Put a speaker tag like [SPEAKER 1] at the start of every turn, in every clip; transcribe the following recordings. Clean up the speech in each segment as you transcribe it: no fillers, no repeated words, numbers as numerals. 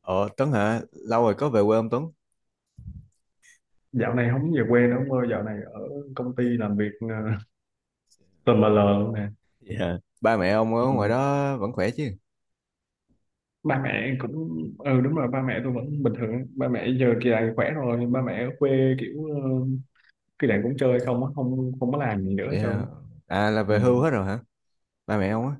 [SPEAKER 1] Ờ Tuấn hả? Lâu rồi có về quê không, Tuấn?
[SPEAKER 2] Dạo này không về quê nữa ông ơi, dạo này ở công ty làm việc tùm lờ lờ luôn nè.
[SPEAKER 1] Dạ. Ba mẹ ông ở ngoài
[SPEAKER 2] Ừ.
[SPEAKER 1] đó vẫn khỏe chứ?
[SPEAKER 2] Ba mẹ cũng, ừ, đúng rồi, ba mẹ tôi vẫn bình thường, ba mẹ giờ kỳ này khỏe rồi, ba mẹ ở quê kiểu kỳ này cũng chơi không á, không không có làm gì nữa cho.
[SPEAKER 1] Dạ. À, là
[SPEAKER 2] Ừ.
[SPEAKER 1] về hưu hết rồi hả? Ba mẹ ông á?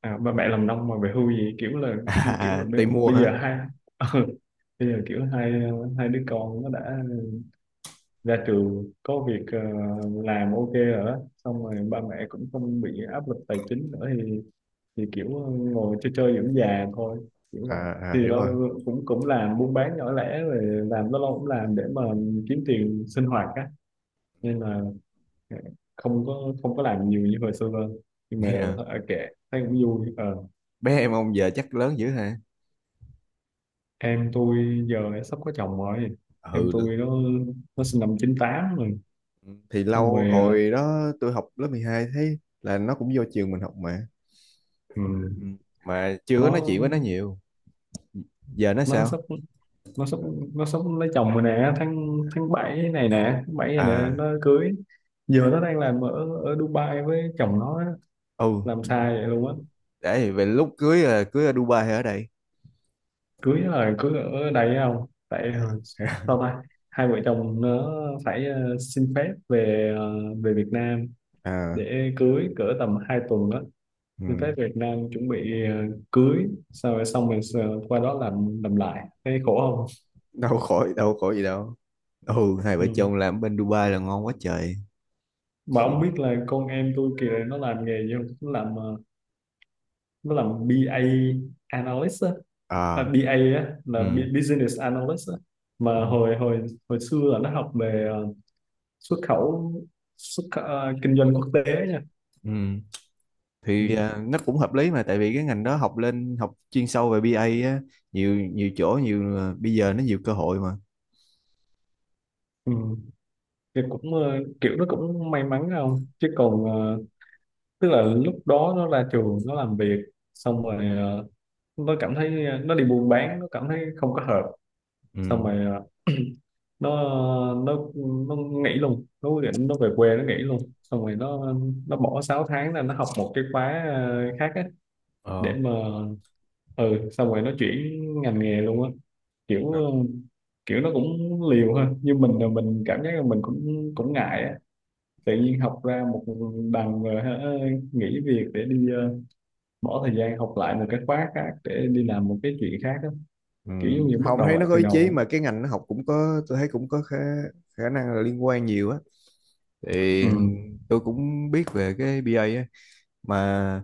[SPEAKER 2] À, ba mẹ làm nông mà về hưu gì, kiểu là
[SPEAKER 1] À, à à,
[SPEAKER 2] bây
[SPEAKER 1] tìm mua
[SPEAKER 2] bây
[SPEAKER 1] hả?
[SPEAKER 2] giờ hai ừ, bây giờ kiểu hai hai đứa con nó đã ra trường có việc làm ok rồi đó, xong rồi ba mẹ cũng không bị áp lực tài chính nữa thì kiểu ngồi chơi chơi dưỡng già thôi, kiểu vậy.
[SPEAKER 1] à, à,
[SPEAKER 2] Thì
[SPEAKER 1] hiểu
[SPEAKER 2] nó
[SPEAKER 1] rồi.
[SPEAKER 2] cũng cũng làm buôn bán nhỏ lẻ rồi, làm nó lâu cũng làm để mà kiếm tiền sinh hoạt á, nên là ờ, không có làm nhiều như hồi xưa hơn, nhưng mà
[SPEAKER 1] Dạ.
[SPEAKER 2] kệ, thấy cũng vui. Ờ,
[SPEAKER 1] Bé em ông giờ chắc lớn dữ hả?
[SPEAKER 2] em tôi giờ đã sắp có chồng rồi, em
[SPEAKER 1] Ừ,
[SPEAKER 2] tôi nó sinh năm chín tám rồi.
[SPEAKER 1] thì
[SPEAKER 2] Xong
[SPEAKER 1] lâu,
[SPEAKER 2] rồi
[SPEAKER 1] hồi đó tôi học lớp 12, thấy là nó cũng vô trường mình học mà.
[SPEAKER 2] ừ,
[SPEAKER 1] Ừ. Mà chưa có nói
[SPEAKER 2] nó
[SPEAKER 1] chuyện với nó nhiều. Giờ nó
[SPEAKER 2] nó
[SPEAKER 1] sao?
[SPEAKER 2] sắp nó sắp nó sắp lấy chồng rồi nè, tháng tháng bảy này nè,
[SPEAKER 1] À,
[SPEAKER 2] nó cưới. Giờ nó đang làm ở ở Dubai với chồng nó á,
[SPEAKER 1] ừ.
[SPEAKER 2] làm sai vậy luôn á.
[SPEAKER 1] Để về lúc cưới là cưới ở Dubai hay ở đây?
[SPEAKER 2] Cưới là cưới ở đây, không tại sao ta, hai vợ chồng nó phải xin phép về về Việt Nam
[SPEAKER 1] À,
[SPEAKER 2] để cưới cỡ tầm 2 tuần đó. Xin
[SPEAKER 1] ừ.
[SPEAKER 2] phép Việt Nam chuẩn bị cưới, sau rồi xong rồi qua đó làm lại, thấy khổ không.
[SPEAKER 1] Đâu khỏi, đâu khỏi gì đâu. Ừ, hai
[SPEAKER 2] Ừ.
[SPEAKER 1] vợ chồng làm bên Dubai là ngon quá trời.
[SPEAKER 2] Mà ông biết là con em tôi kìa nó làm nghề gì không, nó làm nó là BA analyst á. À,
[SPEAKER 1] À,
[SPEAKER 2] BA á,
[SPEAKER 1] ừ,
[SPEAKER 2] là business analyst á.
[SPEAKER 1] ừ,
[SPEAKER 2] Mà hồi hồi hồi xưa là nó học về xuất khẩu, kinh doanh quốc tế nha.
[SPEAKER 1] ừ.
[SPEAKER 2] Ừ.
[SPEAKER 1] Thì nó cũng hợp lý, mà tại vì cái ngành đó học lên học chuyên sâu về bê A á. Nhiều, nhiều chỗ, nhiều bây giờ nó nhiều cơ hội mà.
[SPEAKER 2] Ừ. Thì cũng kiểu nó cũng may mắn, không chứ còn tức là lúc đó nó ra trường nó làm việc, xong rồi nó cảm thấy nó đi buôn bán nó cảm thấy không có hợp.
[SPEAKER 1] Ừ.
[SPEAKER 2] Xong rồi ờ, nó nó nó nghỉ luôn, nó quyết định nó về quê nó nghỉ luôn. Xong rồi nó bỏ 6 tháng là nó học một cái khóa khác á,
[SPEAKER 1] Ờ.
[SPEAKER 2] để mà, ừ, xong rồi nó chuyển ngành nghề luôn á, kiểu
[SPEAKER 1] À,
[SPEAKER 2] kiểu nó cũng liều ha, như mình là mình cảm giác là mình cũng cũng ngại á. Tự nhiên học ra một đằng rồi hả, nghỉ việc để đi bỏ thời gian học lại một cái khóa khác để đi làm một cái chuyện khác á,
[SPEAKER 1] ừ.
[SPEAKER 2] kiểu giống như bắt
[SPEAKER 1] Không,
[SPEAKER 2] đầu
[SPEAKER 1] thấy
[SPEAKER 2] lại
[SPEAKER 1] nó có
[SPEAKER 2] từ
[SPEAKER 1] ý chí,
[SPEAKER 2] đầu
[SPEAKER 1] mà cái ngành nó học cũng có, tôi thấy cũng có khả năng là liên quan nhiều á. Thì
[SPEAKER 2] á.
[SPEAKER 1] tôi cũng biết về cái bê A á, mà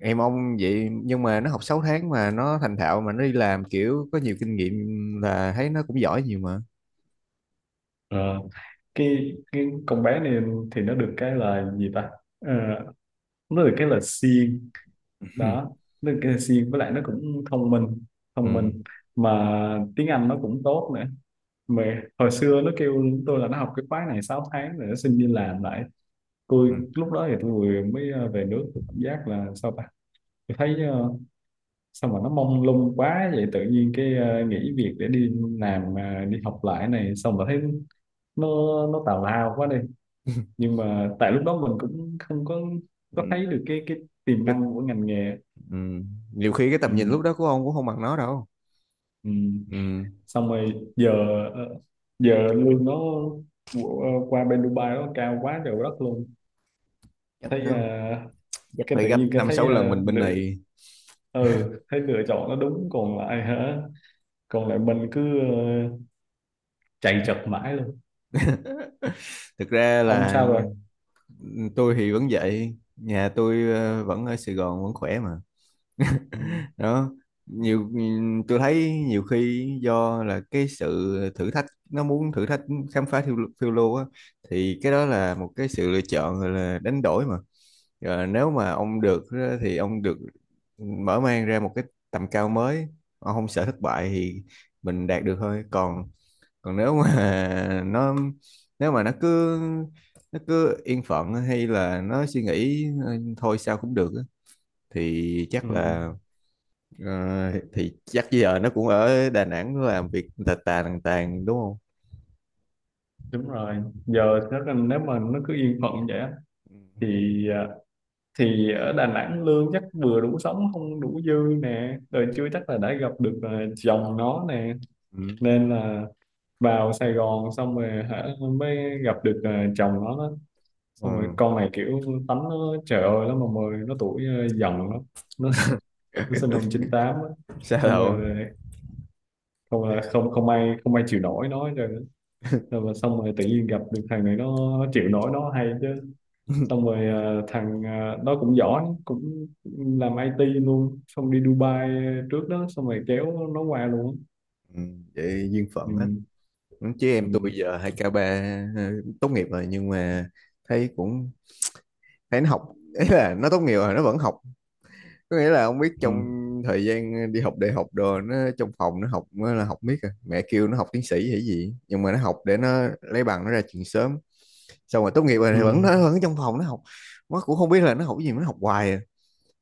[SPEAKER 1] em ông vậy, nhưng mà nó học 6 tháng mà nó thành thạo, mà nó đi làm kiểu có nhiều kinh nghiệm, là thấy nó cũng giỏi nhiều mà.
[SPEAKER 2] Ừ, cái con bé này thì nó được cái là gì ta, Ờ, nó được cái là siêng đó, nó được cái là siêng, với lại nó cũng thông minh.
[SPEAKER 1] Ừ.
[SPEAKER 2] thông minh mà tiếng Anh nó cũng tốt nữa. Mà hồi xưa nó kêu tôi là nó học cái khóa này 6 tháng rồi nó xin đi làm lại. Tôi
[SPEAKER 1] Ừ.
[SPEAKER 2] lúc đó thì tôi vừa mới về nước, tôi cảm giác là sao ta. Tôi thấy sao mà nó mông lung quá vậy, tự nhiên cái nghỉ việc để đi làm đi học lại này, xong rồi thấy nó nó tào lao quá đi. Nhưng mà tại lúc đó mình cũng không có
[SPEAKER 1] Ừ.
[SPEAKER 2] thấy được cái tiềm
[SPEAKER 1] cái
[SPEAKER 2] năng của ngành nghề.
[SPEAKER 1] ừ. Nhiều khi cái
[SPEAKER 2] Ừ,
[SPEAKER 1] tầm nhìn lúc đó của ông cũng không bằng nó đâu.
[SPEAKER 2] ừ.
[SPEAKER 1] Ừ,
[SPEAKER 2] Xong rồi giờ ờ, giờ lương nó qua bên Dubai nó cao quá trời đất luôn.
[SPEAKER 1] chắc
[SPEAKER 2] Thấy
[SPEAKER 1] ừ, chắc
[SPEAKER 2] cái
[SPEAKER 1] phải
[SPEAKER 2] tự nhiên
[SPEAKER 1] gấp
[SPEAKER 2] cái
[SPEAKER 1] năm
[SPEAKER 2] thấy
[SPEAKER 1] sáu lần mình bên này.
[SPEAKER 2] ừ, thấy lựa chọn nó đúng, còn lại hả, còn lại mình cứ chạy chật mãi luôn.
[SPEAKER 1] Thực ra
[SPEAKER 2] Ông
[SPEAKER 1] là
[SPEAKER 2] sao rồi?
[SPEAKER 1] tôi thì vẫn vậy, nhà tôi vẫn ở Sài Gòn, vẫn khỏe mà.
[SPEAKER 2] Ừ,
[SPEAKER 1] Đó. nhiều tôi thấy nhiều khi do là cái sự thử thách, nó muốn thử thách, khám phá, phiêu lưu á. Thì cái đó là một cái sự lựa chọn gọi là đánh đổi mà. Rồi nếu mà ông được á, thì ông được mở mang ra một cái tầm cao mới. Ông không sợ thất bại thì mình đạt được thôi. Còn, còn nếu mà nó nếu mà nó cứ yên phận, hay là nó suy nghĩ "Ừ, thôi sao cũng được á," thì
[SPEAKER 2] ừ,
[SPEAKER 1] chắc là. Ờ, thì chắc giờ nó cũng ở Đà Nẵng, nó làm việc tà tà tàn tàn đúng không?
[SPEAKER 2] đúng rồi. Giờ nếu nếu mà nó cứ yên phận vậy á, thì, à, thì ở Đà Nẵng lương chắc vừa đủ sống không đủ dư nè, rồi chưa chắc là đã gặp được chồng nó nè,
[SPEAKER 1] Ừ.
[SPEAKER 2] nên là vào Sài Gòn xong rồi hả, mới gặp được chồng nó đó. Xong rồi
[SPEAKER 1] Ừ.
[SPEAKER 2] con này kiểu tánh nó trời ơi, nó mà mười nó tuổi dần lắm. nó nó sinh năm 98 á.
[SPEAKER 1] Sao
[SPEAKER 2] Xong
[SPEAKER 1] đâu?
[SPEAKER 2] rồi không, à, không không ai chịu nổi nó hết trơn á. Rồi mà xong rồi tự nhiên gặp được thằng này, nó chịu nổi nó hay chứ. Xong rồi thằng nó cũng giỏi, cũng làm IT luôn, xong đi Dubai trước đó, xong rồi kéo nó qua luôn.
[SPEAKER 1] Ừ, vậy duyên
[SPEAKER 2] Ừ,
[SPEAKER 1] phận á. Ừ, chứ em tôi
[SPEAKER 2] ừ,
[SPEAKER 1] giờ 2 k ba ờ, tốt nghiệp rồi, nhưng mà thấy cũng, nó học, ấy là nó tốt nghiệp rồi nó vẫn học, có nghĩa là ông biết,
[SPEAKER 2] ừ,
[SPEAKER 1] trong thời gian đi học đại học đồ, nó trong phòng nó học, nó là học miết à. Mẹ kêu nó học tiến sĩ hay gì, nhưng mà nó học để nó lấy bằng nó ra trường sớm, xong rồi tốt nghiệp rồi
[SPEAKER 2] ừ,
[SPEAKER 1] thì nó vẫn trong phòng nó học. Nó cũng không biết là nó học cái gì mà nó học hoài à.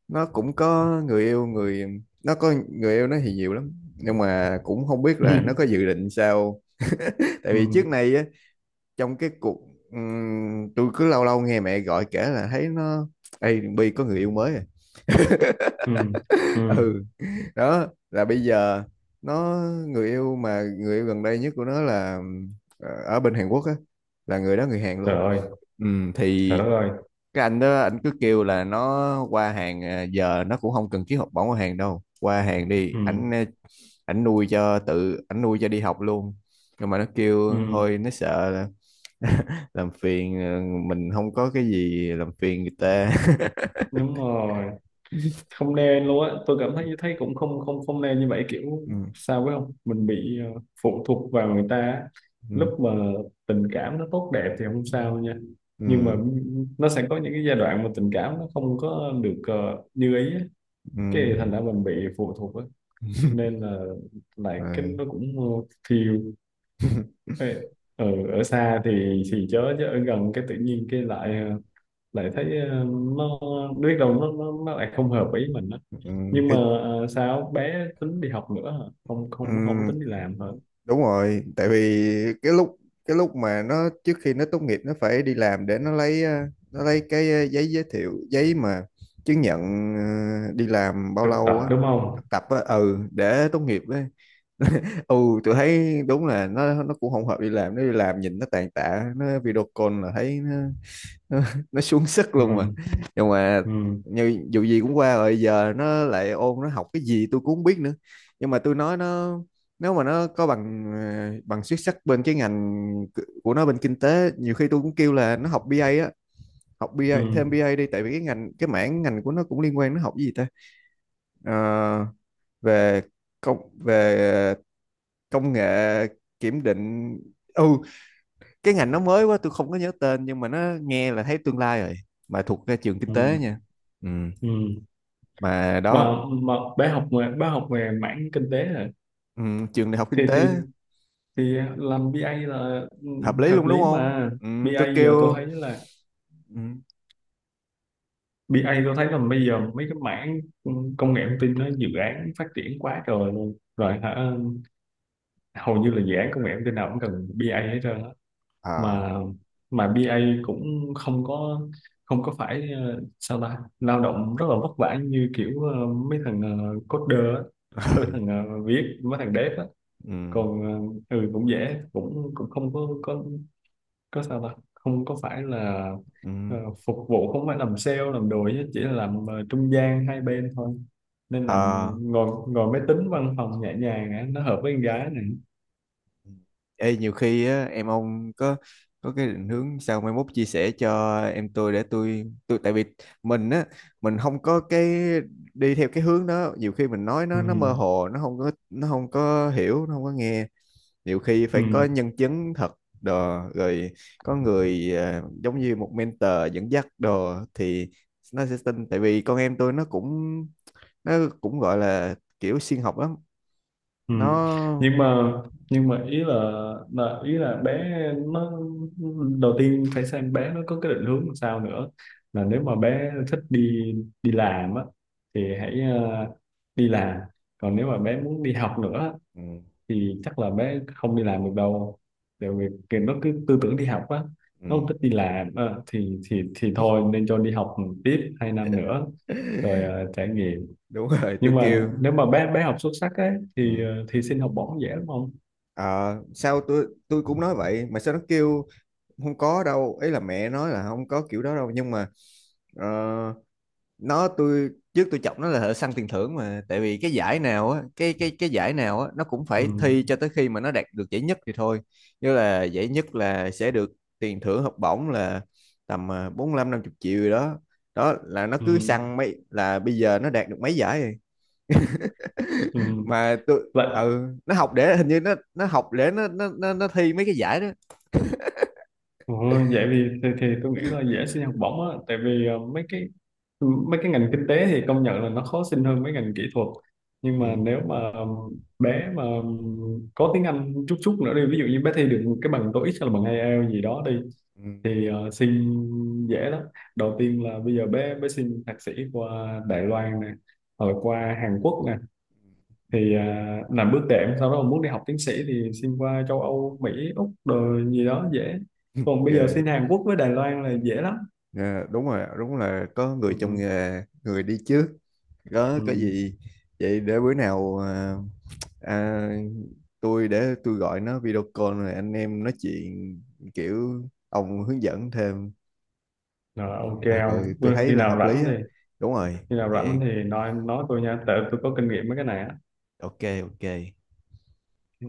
[SPEAKER 1] Nó cũng có người yêu người nó có người yêu, nó thì nhiều lắm, nhưng mà cũng không biết là nó có dự định sao. Tại vì
[SPEAKER 2] ừ,
[SPEAKER 1] trước này á, trong cái cuộc tôi cứ lâu lâu nghe mẹ gọi kể là thấy nó, Ê Bi có người yêu mới à.
[SPEAKER 2] ừ, ừ, ừ.
[SPEAKER 1] Ừ, đó là bây giờ nó người yêu gần đây nhất của nó là ở bên Hàn Quốc á, là người đó người Hàn luôn.
[SPEAKER 2] Trời ơi,
[SPEAKER 1] Ừ,
[SPEAKER 2] trời
[SPEAKER 1] thì
[SPEAKER 2] đất ơi.
[SPEAKER 1] cái anh đó, anh cứ kêu là nó qua Hàn à, giờ nó cũng không cần ký học bổng ở Hàn đâu, qua Hàn đi,
[SPEAKER 2] Ừ,
[SPEAKER 1] ảnh ờ, ảnh nuôi cho, tự ảnh nuôi cho đi học luôn. Nhưng mà nó
[SPEAKER 2] ừ.
[SPEAKER 1] kêu thôi, nó sợ là làm phiền mình, không có cái gì làm phiền người ta.
[SPEAKER 2] Đúng rồi, không nên luôn á, tôi cảm thấy, thấy cũng không không không nên như vậy, kiểu
[SPEAKER 1] Ừ,
[SPEAKER 2] sao phải không, mình bị phụ thuộc vào người ta á.
[SPEAKER 1] ừ,
[SPEAKER 2] Lúc mà tình cảm nó tốt đẹp thì không
[SPEAKER 1] ừ,
[SPEAKER 2] sao nha,
[SPEAKER 1] ừ.
[SPEAKER 2] nhưng mà nó sẽ có những cái giai đoạn mà tình cảm nó không có được như ý á,
[SPEAKER 1] Ừ.
[SPEAKER 2] cái thì thành ra mình bị phụ thuộc á, nên là lại cái
[SPEAKER 1] Rồi,
[SPEAKER 2] nó cũng ờ, thiêu Ê, ở ở xa thì chớ chứ ở gần cái tự nhiên cái lại lại thấy nó biết đâu nó lại không hợp ý mình á.
[SPEAKER 1] ừ.
[SPEAKER 2] Nhưng mà
[SPEAKER 1] Thấy
[SPEAKER 2] sao bé tính đi học nữa hả? Không không không
[SPEAKER 1] Ừm,
[SPEAKER 2] tính đi làm hả?
[SPEAKER 1] Đúng rồi, tại vì cái lúc cái lúc mà nó, trước khi nó tốt nghiệp nó phải đi làm để nó lấy cái giấy giới thiệu, giấy mà chứng nhận đi làm bao
[SPEAKER 2] Thực tập
[SPEAKER 1] lâu á.
[SPEAKER 2] đúng không?
[SPEAKER 1] Thực tập á, ừ, để tốt nghiệp á. Ừ. Tôi thấy đúng là nó cũng không hợp đi làm, nó đi làm nhìn nó tàn tạ, nó video call là thấy nó nó nó xuống sức luôn mà.
[SPEAKER 2] Ừ,
[SPEAKER 1] Nhưng mà
[SPEAKER 2] ừ,
[SPEAKER 1] như dù gì cũng qua rồi, giờ nó lại ôn, nó học cái gì tôi cũng không biết nữa. Nhưng mà tôi nói nó, nếu mà nó có bằng bằng xuất sắc bên cái ngành của nó, bên kinh tế, nhiều khi tôi cũng kêu là nó học BA á, học BA thêm
[SPEAKER 2] ừ,
[SPEAKER 1] BA đi, tại vì cái mảng ngành của nó cũng liên quan, nó học cái gì ta. Ờ, về công về công nghệ, kiểm định. Ừ, cái ngành nó mới quá, tôi không có nhớ tên, nhưng mà nó nghe là thấy tương lai rồi, mà thuộc cái trường kinh tế
[SPEAKER 2] ừ,
[SPEAKER 1] nha. Ừ.
[SPEAKER 2] ừ.
[SPEAKER 1] Mà đó.
[SPEAKER 2] Mà bé học về, bé học về mảng kinh tế hả?
[SPEAKER 1] Ừ, trường đại học
[SPEAKER 2] thì
[SPEAKER 1] kinh
[SPEAKER 2] thì
[SPEAKER 1] tế,
[SPEAKER 2] thì làm bê A là, ừ,
[SPEAKER 1] hợp lý
[SPEAKER 2] hợp
[SPEAKER 1] luôn đúng
[SPEAKER 2] lý
[SPEAKER 1] không?
[SPEAKER 2] mà.
[SPEAKER 1] Ừ,
[SPEAKER 2] Bê
[SPEAKER 1] tôi
[SPEAKER 2] A giờ tôi
[SPEAKER 1] kêu.
[SPEAKER 2] thấy là,
[SPEAKER 1] Ừ,
[SPEAKER 2] bê A tôi thấy là bây giờ mấy cái mảng, ừ, công nghệ thông tin nó dự án phát triển quá trời luôn rồi hả, hầu như là dự án công nghệ thông tin nào cũng cần bê A hết trơn.
[SPEAKER 1] à.
[SPEAKER 2] Mà bê A cũng không có phải sao ta, lao động rất là vất vả như kiểu mấy thằng coder á, mấy
[SPEAKER 1] Ừ,
[SPEAKER 2] thằng viết mấy thằng dev á.
[SPEAKER 1] ừ,
[SPEAKER 2] Còn ừ cũng dễ, cũng cũng không có sao ta, không có phải là ờ,
[SPEAKER 1] ừ,
[SPEAKER 2] phục vụ, không phải làm sale làm đồ, chứ chỉ là làm trung gian hai bên thôi, nên là
[SPEAKER 1] à.
[SPEAKER 2] ngồi, ngồi máy tính văn phòng nhẹ nhàng á, nó hợp với con gái này.
[SPEAKER 1] Ê, nhiều khi á, em ông có cái định hướng sao, mai mốt chia sẻ cho em tôi, để tôi tại vì mình á, mình không có cái đi theo cái hướng đó, nhiều khi mình nói
[SPEAKER 2] Ừ,
[SPEAKER 1] nó mơ hồ, nó không có hiểu, nó không có nghe. Nhiều khi
[SPEAKER 2] ừ.
[SPEAKER 1] phải có nhân chứng thật đồ rồi, có người giống như một mentor dẫn dắt đồ, thì nó sẽ tin. Tại vì con em tôi nó cũng, nó gọi là kiểu siêng học lắm.
[SPEAKER 2] Ừ.
[SPEAKER 1] Nó.
[SPEAKER 2] Nhưng mà, nhưng mà ý là, ý là bé nó đầu tiên phải xem bé nó có cái định hướng làm sao nữa. Là nếu mà bé thích đi đi làm á thì hãy đi làm, còn nếu mà bé muốn đi học nữa
[SPEAKER 1] Ừ,
[SPEAKER 2] thì chắc là bé không đi làm được đâu, tại vì cái, nó cứ tư tưởng đi học á, nó không
[SPEAKER 1] ừ,
[SPEAKER 2] thích đi làm thì thôi nên cho đi học tiếp hai năm nữa rồi trải nghiệm.
[SPEAKER 1] đúng rồi tôi
[SPEAKER 2] Nhưng mà
[SPEAKER 1] kêu.
[SPEAKER 2] nếu mà bé bé học xuất sắc ấy
[SPEAKER 1] Ừ.
[SPEAKER 2] thì thì xin học bổng dễ đúng không?
[SPEAKER 1] Ờ, Sao tôi, cũng nói vậy mà sao nó kêu không có đâu, ấy là mẹ nói là không có kiểu đó đâu. Nhưng mà ờ, nó tôi trước chọc nó là thợ săn tiền thưởng, mà tại vì cái giải nào á, cái giải nào á nó cũng
[SPEAKER 2] Ừ,
[SPEAKER 1] phải thi cho tới khi mà nó đạt được giải nhất thì thôi. Như là giải nhất là sẽ được tiền thưởng, học bổng là tầm 45-50 triệu gì đó. Đó là nó
[SPEAKER 2] ừ,
[SPEAKER 1] cứ săn mấy, là bây giờ nó đạt được mấy giải rồi.
[SPEAKER 2] ừ.
[SPEAKER 1] Mà tôi
[SPEAKER 2] Vậy,
[SPEAKER 1] ừ, nó học để hình như nó học để nó thi mấy cái giải đó.
[SPEAKER 2] Ồ, vậy thì, tôi nghĩ là dễ xin học bổng á, tại vì mấy cái ngành kinh tế thì công nhận là nó khó xin hơn mấy ngành kỹ thuật, nhưng mà
[SPEAKER 1] Ừ.
[SPEAKER 2] nếu mà, bé mà, có tiếng Anh chút chút nữa đi, ví dụ như bé thi được cái bằng TOEIC hay là bằng IELTS gì đó đi,
[SPEAKER 1] Ừ.
[SPEAKER 2] thì xin dễ lắm. Đầu tiên là bây giờ bé bé xin thạc sĩ qua Đài Loan nè, rồi qua Hàn Quốc nè, thì, à, làm bước đệm, sau đó mà muốn đi học tiến sĩ thì xin qua châu Âu, Mỹ, Úc rồi gì đó dễ. Còn bây giờ
[SPEAKER 1] Ghê.
[SPEAKER 2] xin Hàn Quốc với Đài Loan là dễ lắm.
[SPEAKER 1] Dạ, đúng rồi, đúng là có người trong
[SPEAKER 2] Ừ,
[SPEAKER 1] nghề, người đi trước. Có
[SPEAKER 2] ừ,
[SPEAKER 1] có
[SPEAKER 2] ừ.
[SPEAKER 1] gì vậy, để bữa nào à, tôi để tôi gọi nó video call rồi anh em nói chuyện kiểu ông hướng dẫn thêm.
[SPEAKER 2] Rồi, ok,
[SPEAKER 1] Ờ,
[SPEAKER 2] ông
[SPEAKER 1] tôi thấy
[SPEAKER 2] khi
[SPEAKER 1] là
[SPEAKER 2] nào
[SPEAKER 1] hợp lý
[SPEAKER 2] rảnh
[SPEAKER 1] á.
[SPEAKER 2] thì,
[SPEAKER 1] Đúng rồi. Vậy
[SPEAKER 2] nói tôi nha, tại tôi có kinh nghiệm mấy cái này á.
[SPEAKER 1] ok ok.